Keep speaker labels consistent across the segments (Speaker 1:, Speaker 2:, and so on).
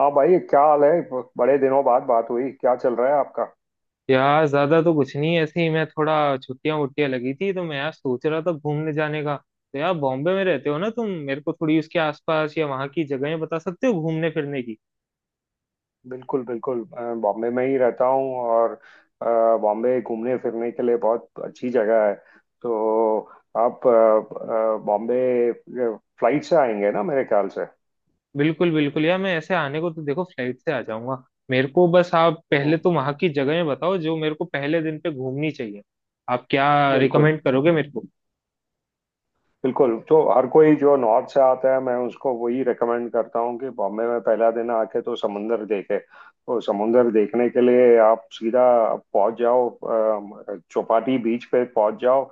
Speaker 1: हाँ भाई, क्या हाल है। बड़े दिनों बाद बात हुई। क्या चल रहा है आपका।
Speaker 2: यार ज्यादा तो कुछ नहीं, ऐसे ही। मैं थोड़ा छुट्टियां वुट्टियां लगी थी तो मैं यार सोच रहा था घूमने जाने का। तो यार, बॉम्बे में रहते हो ना तुम, मेरे को थोड़ी उसके आसपास या वहां की जगहें बता सकते हो घूमने फिरने की।
Speaker 1: बिल्कुल बिल्कुल, बॉम्बे में ही रहता हूँ। और अ, बॉम्बे घूमने फिरने के लिए बहुत अच्छी जगह है। तो आप बॉम्बे फ्लाइट से आएंगे ना मेरे ख्याल से।
Speaker 2: बिल्कुल बिल्कुल यार, मैं ऐसे आने को तो देखो फ्लाइट से आ जाऊंगा। मेरे को बस आप पहले
Speaker 1: हम्म।
Speaker 2: तो वहां की जगहें बताओ जो मेरे को पहले दिन पे घूमनी चाहिए। आप क्या
Speaker 1: बिल्कुल
Speaker 2: रिकमेंड करोगे मेरे को?
Speaker 1: बिल्कुल। तो हर कोई जो नॉर्थ से आता है, मैं उसको वही रेकमेंड करता हूँ कि बॉम्बे में पहला दिन आके तो समुंदर देखे। तो समुंदर देखने के लिए आप सीधा पहुंच जाओ, चौपाटी बीच पे पहुंच जाओ।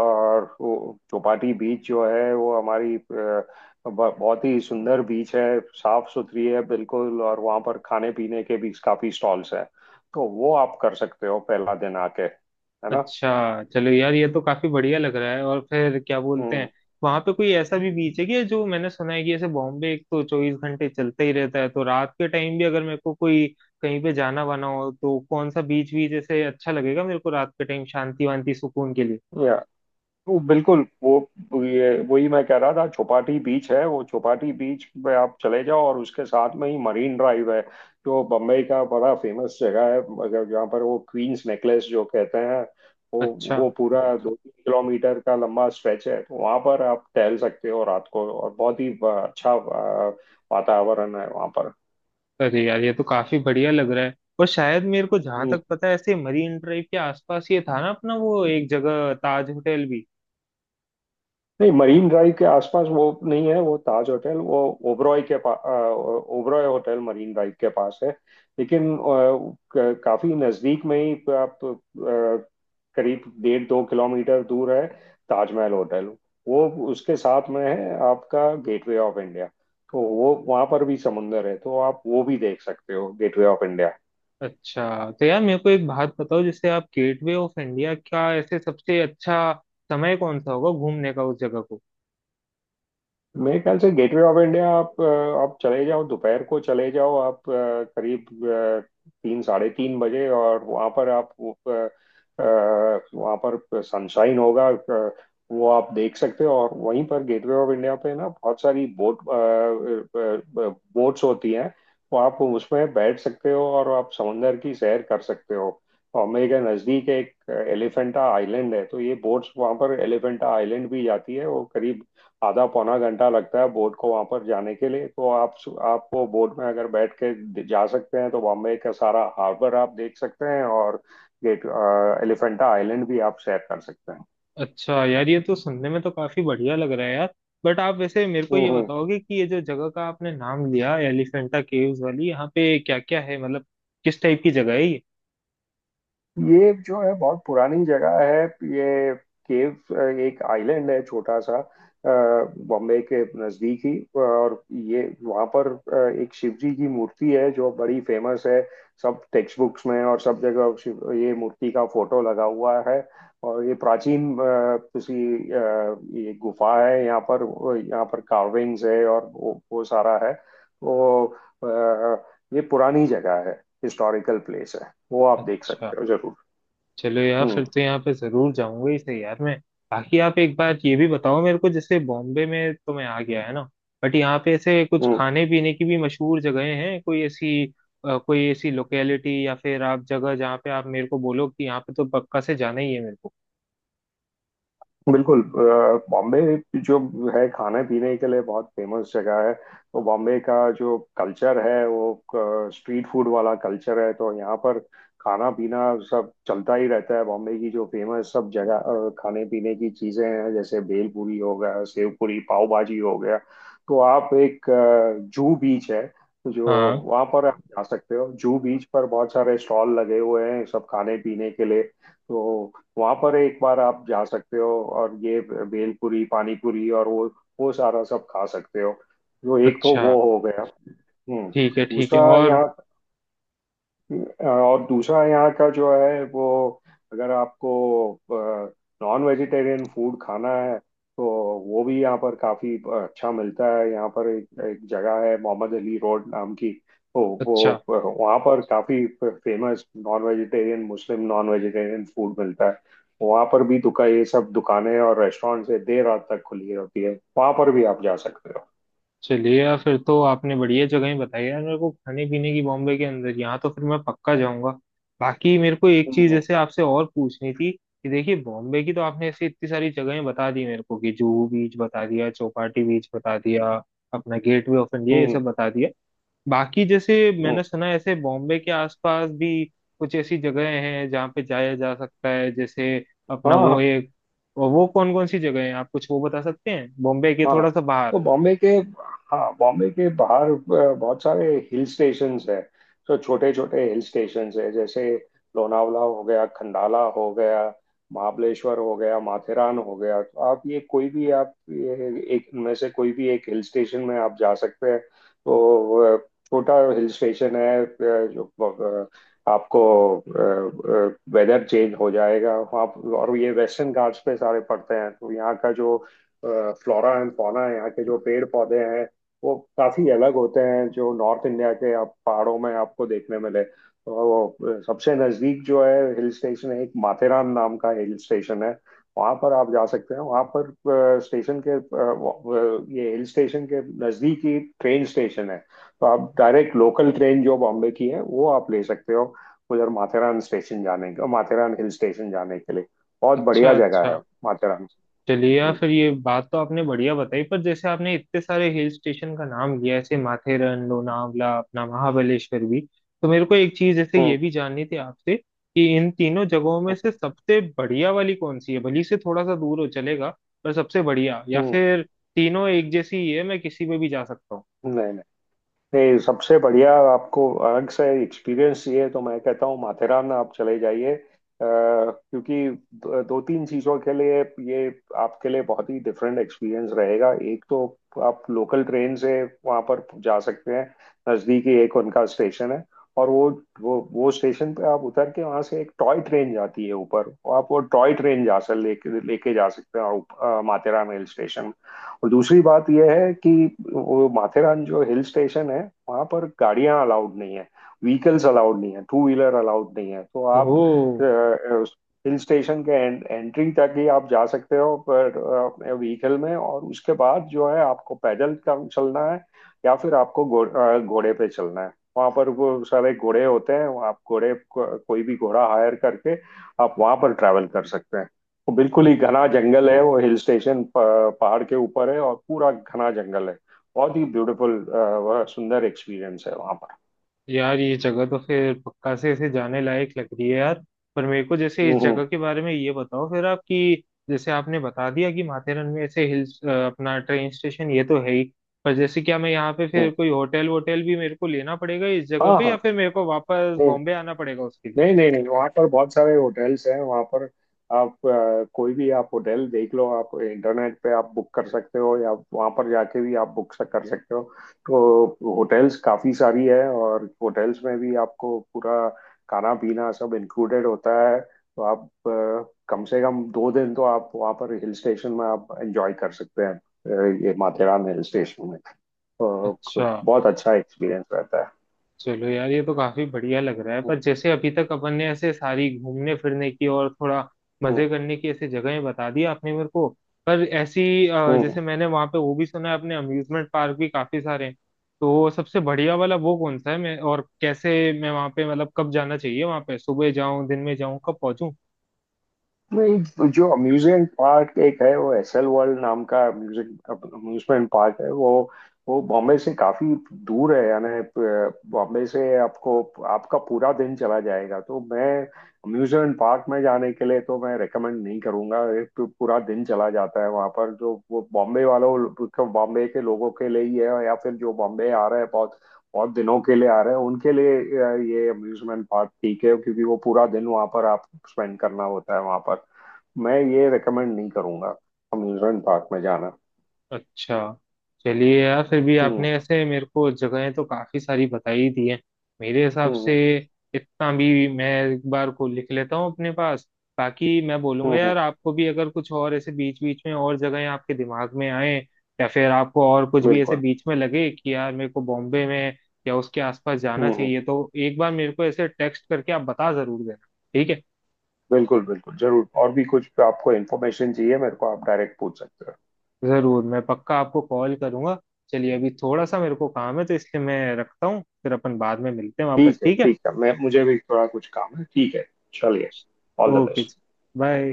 Speaker 1: और वो चौपाटी बीच जो है, वो हमारी बहुत ही सुंदर बीच है, साफ सुथरी है बिल्कुल। और वहाँ पर खाने पीने के भी काफी स्टॉल्स हैं। तो वो आप कर सकते हो पहला दिन आके, है ना।
Speaker 2: अच्छा, चलो यार, ये तो काफी बढ़िया लग रहा है। और फिर क्या बोलते
Speaker 1: हम्म।
Speaker 2: हैं, वहां पे कोई ऐसा भी बीच है कि जो मैंने सुना है कि ऐसे बॉम्बे एक तो 24 घंटे चलता ही रहता है, तो रात के टाइम भी अगर मेरे को कोई कहीं पे जाना वाना हो तो कौन सा बीच बीच ऐसे अच्छा लगेगा मेरे को रात के टाइम शांति वांति सुकून के लिए?
Speaker 1: वो बिल्कुल, वो ये वही मैं कह रहा था, चौपाटी बीच है। वो चौपाटी बीच पे आप चले जाओ और उसके साथ में ही मरीन ड्राइव है। जो बम्बई का बड़ा फेमस जगह है। अगर जहाँ पर वो क्वींस नेकलेस जो कहते हैं। वो
Speaker 2: अच्छा।
Speaker 1: वो पूरा 2-3 किलोमीटर का लंबा स्ट्रेच है। तो वहाँ पर आप टहल सकते हो रात को और बहुत ही अच्छा वातावरण है वहाँ पर।
Speaker 2: अरे यार, ये तो काफी बढ़िया लग रहा है। और शायद मेरे को जहां
Speaker 1: हम्म।
Speaker 2: तक पता है, ऐसे मरीन ड्राइव के आसपास ये था ना अपना वो एक जगह, ताज होटल भी।
Speaker 1: नहीं मरीन ड्राइव के आसपास वो नहीं है, वो ताज होटल। वो ओबरॉय के पास, ओबरॉय होटल मरीन ड्राइव के पास है। लेकिन काफी नजदीक में ही आप करीब 1.5-2 किलोमीटर दूर है ताजमहल होटल। वो उसके साथ में है आपका गेटवे ऑफ इंडिया। तो वो वहां पर भी समुंदर है, तो आप वो भी देख सकते हो, गेटवे ऑफ इंडिया।
Speaker 2: अच्छा तो यार, मेरे को एक बात बताओ, जैसे आप गेटवे ऑफ इंडिया क्या ऐसे सबसे अच्छा समय कौन सा होगा घूमने का उस जगह को?
Speaker 1: मेरे ख्याल से गेटवे ऑफ इंडिया आप आप चले जाओ, दोपहर को चले जाओ आप करीब तीन साढ़े तीन बजे। और वहाँ पर आप वहाँ पर सनशाइन होगा। वो आप देख सकते हो। और वहीं पर गेटवे ऑफ इंडिया पे ना बहुत सारी बोट्स होती हैं। तो आप उसमें बैठ सकते हो और आप समंदर की सैर कर सकते हो। और मेरे के नज़दीक एक एलिफेंटा आइलैंड है। तो ये बोट्स वहाँ पर एलिफेंटा आइलैंड भी जाती है। वो करीब आधा पौना घंटा लगता है बोट को वहां पर जाने के लिए। तो आप वो बोट में अगर बैठ के जा सकते हैं तो बॉम्बे का सारा हार्बर आप देख सकते हैं। और गेट एलिफेंटा आइलैंड भी आप सैर कर सकते हैं।
Speaker 2: अच्छा यार, ये तो सुनने में तो काफी बढ़िया लग रहा है यार। बट आप वैसे मेरे को
Speaker 1: हम्म,
Speaker 2: ये
Speaker 1: हम्म।
Speaker 2: बताओगे कि ये जो जगह का आपने नाम लिया, एलिफेंटा केव्स वाली, यहाँ पे क्या क्या है, मतलब किस टाइप की जगह है ये?
Speaker 1: ये जो है बहुत पुरानी जगह है। ये केव एक आइलैंड है, छोटा सा, बॉम्बे के नजदीक ही। और ये वहाँ पर एक शिव जी की मूर्ति है जो बड़ी फेमस है। सब टेक्स्ट बुक्स में और सब जगह शिव ये मूर्ति का फोटो लगा हुआ है। और ये प्राचीन अ, ये गुफा है यहाँ पर। यहाँ पर कार्विंग्स है और वो सारा है। तो अ, ये पुरानी जगह है, हिस्टोरिकल प्लेस है, वो आप देख
Speaker 2: अच्छा,
Speaker 1: सकते हो जरूर।
Speaker 2: चलो यार
Speaker 1: हम्म,
Speaker 2: फिर तो यहाँ पे जरूर जाऊंगा ही सही यार मैं। बाकी आप एक बार ये भी बताओ मेरे को, जैसे बॉम्बे में तो मैं आ गया है ना, बट यहाँ पे ऐसे कुछ
Speaker 1: हम्म।
Speaker 2: खाने पीने की भी मशहूर जगहें हैं कोई ऐसी? कोई ऐसी लोकेलिटी या फिर आप जगह, जहाँ पे आप मेरे को बोलो कि यहाँ पे तो पक्का से जाना ही है मेरे को।
Speaker 1: बिल्कुल। बॉम्बे जो है खाने पीने के लिए बहुत फेमस जगह है। तो बॉम्बे का जो कल्चर है वो स्ट्रीट फूड वाला कल्चर है। तो यहाँ पर खाना पीना सब चलता ही रहता है। बॉम्बे की जो फेमस सब जगह खाने पीने की चीज़ें हैं, जैसे भेल पूरी हो गया, सेव पूरी, पाव भाजी हो गया। तो आप एक जू बीच है जो,
Speaker 2: हाँ।
Speaker 1: वहाँ पर आप जा सकते हो। जू बीच पर बहुत सारे स्टॉल लगे हुए हैं, सब खाने पीने के लिए। तो वहां पर एक बार आप जा सकते हो। और ये भेलपुरी, पानीपुरी और वो सारा सब खा सकते हो। जो एक तो
Speaker 2: अच्छा।
Speaker 1: वो हो गया। हम्म।
Speaker 2: ठीक है ठीक है।
Speaker 1: दूसरा
Speaker 2: और?
Speaker 1: यहाँ और दूसरा यहाँ का जो है वो, अगर आपको नॉन वेजिटेरियन फूड खाना है, तो वो भी यहाँ पर काफी अच्छा मिलता है। यहाँ पर एक जगह है मोहम्मद अली रोड नाम की। तो वो
Speaker 2: अच्छा।
Speaker 1: वहाँ पर काफी famous non vegetarian, Muslim non vegetarian food मिलता है। वहाँ पर भी दुकान, ये सब दुकानें और रेस्टोरेंट से देर रात तक खुली रहती है। वहाँ पर भी आप जा सकते हो।
Speaker 2: चलिए यार, फिर तो आपने बढ़िया जगह बताई यार मेरे को खाने पीने की बॉम्बे के अंदर, यहाँ तो फिर मैं पक्का जाऊंगा। बाकी मेरे को एक
Speaker 1: हम्म,
Speaker 2: चीज
Speaker 1: हम्म।
Speaker 2: जैसे आपसे और पूछनी थी कि देखिए, बॉम्बे की तो आपने ऐसी इतनी सारी जगहें बता दी मेरे को कि जुहू बीच बता दिया, चौपाटी बीच बता दिया, अपना गेटवे ऑफ इंडिया ये
Speaker 1: हम्म,
Speaker 2: सब बता दिया। बाकी जैसे
Speaker 1: हम्म।
Speaker 2: मैंने सुना है ऐसे बॉम्बे के आसपास भी कुछ ऐसी जगहें हैं जहाँ पे जाया जा सकता है, जैसे अपना
Speaker 1: हाँ
Speaker 2: वो
Speaker 1: हाँ।
Speaker 2: एक। वो कौन कौन सी जगह है, आप कुछ वो बता सकते हैं, बॉम्बे के
Speaker 1: हाँ,
Speaker 2: थोड़ा सा बाहर?
Speaker 1: तो बॉम्बे के, हाँ, बॉम्बे के बाहर बहुत सारे हिल स्टेशंस हैं। तो छोटे छोटे हिल स्टेशंस हैं, जैसे लोनावला हो गया, खंडाला हो गया, महाबलेश्वर हो गया, माथेरान हो गया। तो आप ये कोई भी, आप ये एक इनमें से कोई भी एक हिल स्टेशन में आप जा सकते हैं। तो छोटा हिल स्टेशन है, जो अ, आपको वेदर चेंज हो जाएगा वहाँ। और ये वेस्टर्न घाट्स पे सारे पड़ते हैं। तो यहाँ का जो फ्लोरा एंड फौना है, यहाँ के जो पेड़ पौधे हैं, वो काफी अलग होते हैं जो नॉर्थ इंडिया के आप पहाड़ों में आपको देखने मिले। तो वो सबसे नजदीक जो है हिल स्टेशन है, एक माथेरान नाम का हिल स्टेशन है। वहां पर आप जा सकते हैं। वहां पर स्टेशन के ये हिल स्टेशन के नजदीक ही ट्रेन स्टेशन है। तो आप डायरेक्ट लोकल ट्रेन जो बॉम्बे की है वो आप ले सकते हो, उधर माथेरान हिल स्टेशन जाने के लिए। बहुत
Speaker 2: अच्छा
Speaker 1: बढ़िया जगह
Speaker 2: अच्छा।
Speaker 1: है, माथेरान।
Speaker 2: चलिए यार,
Speaker 1: हम्म,
Speaker 2: फिर ये बात तो आपने बढ़िया बताई। पर जैसे आपने इतने सारे हिल स्टेशन का नाम लिया, ऐसे माथेरन, लोनावला, अपना महाबलेश्वर भी, तो मेरे को एक चीज जैसे ये भी जाननी थी आपसे कि इन तीनों जगहों में
Speaker 1: हम्म,
Speaker 2: से सबसे बढ़िया वाली कौन सी है? भली से थोड़ा सा दूर हो चलेगा, पर सबसे बढ़िया, या
Speaker 1: हम्म।
Speaker 2: फिर तीनों एक जैसी ही है, मैं किसी पे भी जा सकता हूँ?
Speaker 1: नहीं नहीं नहीं, सबसे बढ़िया, आपको अलग से एक्सपीरियंस चाहिए तो मैं कहता हूँ माथेरान आप चले जाइए, क्योंकि दो दो तीन चीज़ों के लिए ये आपके लिए बहुत ही डिफरेंट एक्सपीरियंस रहेगा। एक तो आप लोकल ट्रेन से वहाँ पर जा सकते हैं, नज़दीकी एक उनका स्टेशन है। और वो स्टेशन पे आप उतर के वहाँ से एक टॉय ट्रेन जाती है ऊपर। और आप वो टॉय ट्रेन जा सक लेके लेके जा सकते हैं आप, माथेरान हिल स्टेशन। और दूसरी बात यह है कि वो माथेरान जो हिल स्टेशन है, वहां पर गाड़ियां अलाउड नहीं है, व्हीकल्स अलाउड नहीं है, टू व्हीलर अलाउड नहीं है। तो आप
Speaker 2: ओह।
Speaker 1: हिल स्टेशन के एंट्री तक ही आप जा सकते हो पर व्हीकल में। और उसके बाद जो है आपको पैदल चलना है, या फिर आपको घोड़े पे चलना है। वहां पर वो सारे घोड़े होते हैं। आप कोई भी घोड़ा हायर करके आप वहां पर ट्रैवल कर सकते हैं। वो बिल्कुल ही घना जंगल है। वो हिल स्टेशन पहाड़ के ऊपर है और पूरा घना जंगल है। बहुत ही ब्यूटीफुल, वह सुंदर एक्सपीरियंस है वहां पर।
Speaker 2: यार ये जगह तो फिर पक्का से इसे जाने लायक लग रही है यार। पर मेरे को जैसे
Speaker 1: हम्म,
Speaker 2: इस
Speaker 1: हम्म।
Speaker 2: जगह के बारे में ये बताओ फिर आप कि जैसे आपने बता दिया कि माथेरन में ऐसे हिल्स, अपना ट्रेन स्टेशन ये तो है ही, पर जैसे क्या मैं यहाँ पे
Speaker 1: हम्म।
Speaker 2: फिर कोई होटल वोटल भी मेरे को लेना पड़ेगा इस जगह
Speaker 1: हाँ
Speaker 2: पे, या
Speaker 1: हाँ।
Speaker 2: फिर मेरे को वापस बॉम्बे आना पड़ेगा उसके लिए?
Speaker 1: नहीं नहीं नहीं, वहाँ पर बहुत सारे होटल्स हैं। वहाँ पर आप कोई भी आप होटल देख लो। आप इंटरनेट पे आप बुक कर सकते हो, या वहाँ पर जाके भी आप बुक कर सकते हो। तो होटल्स काफ़ी सारी है, और होटल्स में भी आपको पूरा खाना पीना सब इंक्लूडेड होता है। तो आप कम से कम 2 दिन तो आप वहाँ पर हिल स्टेशन में आप एंजॉय कर सकते हैं, ये माथेरान हिल स्टेशन में। तो
Speaker 2: अच्छा।
Speaker 1: बहुत अच्छा एक्सपीरियंस रहता है।
Speaker 2: चलो यार, ये तो काफी बढ़िया लग रहा है।
Speaker 1: हम्म,
Speaker 2: पर जैसे अभी तक अपन ने ऐसे सारी घूमने फिरने की और थोड़ा
Speaker 1: हम्म।
Speaker 2: मजे करने की ऐसे जगहें बता दी आपने मेरे को, पर ऐसी
Speaker 1: हम्म।
Speaker 2: जैसे मैंने वहां पे वो भी सुना है अपने अम्यूजमेंट पार्क भी काफी सारे हैं, तो सबसे बढ़िया वाला वो कौन सा है? मैं और कैसे, मैं वहां पे, मतलब कब जाना चाहिए वहां पे, सुबह जाऊं, दिन में जाऊं, कब पहुंचूं?
Speaker 1: नहीं, तो जो अम्यूजमेंट पार्क एक है वो एसएल वर्ल्ड नाम का म्यूजिक अम्यूजमेंट पार्क है। वो बॉम्बे से काफी दूर है। यानी बॉम्बे से आपको, आपका पूरा दिन चला जाएगा। तो मैं अम्यूजमेंट पार्क में जाने के लिए तो मैं रेकमेंड नहीं करूंगा। एक तो पूरा दिन चला जाता है वहां पर, जो वो बॉम्बे के लोगों के लिए ही है, या फिर जो बॉम्बे आ रहे हैं बहुत बहुत दिनों के लिए आ रहे हैं उनके लिए ये अम्यूजमेंट पार्क ठीक है, क्योंकि वो पूरा दिन वहां पर आप स्पेंड करना होता है वहां पर। मैं ये रेकमेंड नहीं करूंगा, अम्यूजमेंट पार्क में जाना।
Speaker 2: अच्छा। चलिए यार, फिर भी
Speaker 1: हम्म,
Speaker 2: आपने ऐसे मेरे को जगहें तो काफी सारी बताई ही दी हैं मेरे हिसाब
Speaker 1: हम्म।
Speaker 2: से।
Speaker 1: हम्म,
Speaker 2: इतना भी मैं एक बार को लिख लेता हूँ अपने पास, ताकि मैं बोलूंगा
Speaker 1: हम्म।
Speaker 2: यार आपको भी, अगर कुछ और ऐसे बीच बीच में और जगहें आपके दिमाग में आए या फिर आपको और कुछ भी ऐसे
Speaker 1: बिल्कुल।
Speaker 2: बीच में लगे कि यार मेरे को बॉम्बे में या उसके आसपास जाना
Speaker 1: हम्म, हम्म।
Speaker 2: चाहिए, तो एक बार मेरे को ऐसे टेक्स्ट करके आप बता जरूर देना। ठीक है?
Speaker 1: बिल्कुल बिल्कुल जरूर। और भी कुछ आपको इन्फॉर्मेशन चाहिए, मेरे को आप डायरेक्ट पूछ सकते हो।
Speaker 2: जरूर, मैं पक्का आपको कॉल करूंगा। चलिए अभी थोड़ा सा मेरे को काम है तो इसलिए मैं रखता हूँ, फिर अपन बाद में मिलते हैं वापस,
Speaker 1: ठीक है
Speaker 2: ठीक है?
Speaker 1: ठीक है। मैं मुझे भी थोड़ा कुछ काम है। ठीक है, चलिए। All the
Speaker 2: okay.
Speaker 1: Best.
Speaker 2: Bye.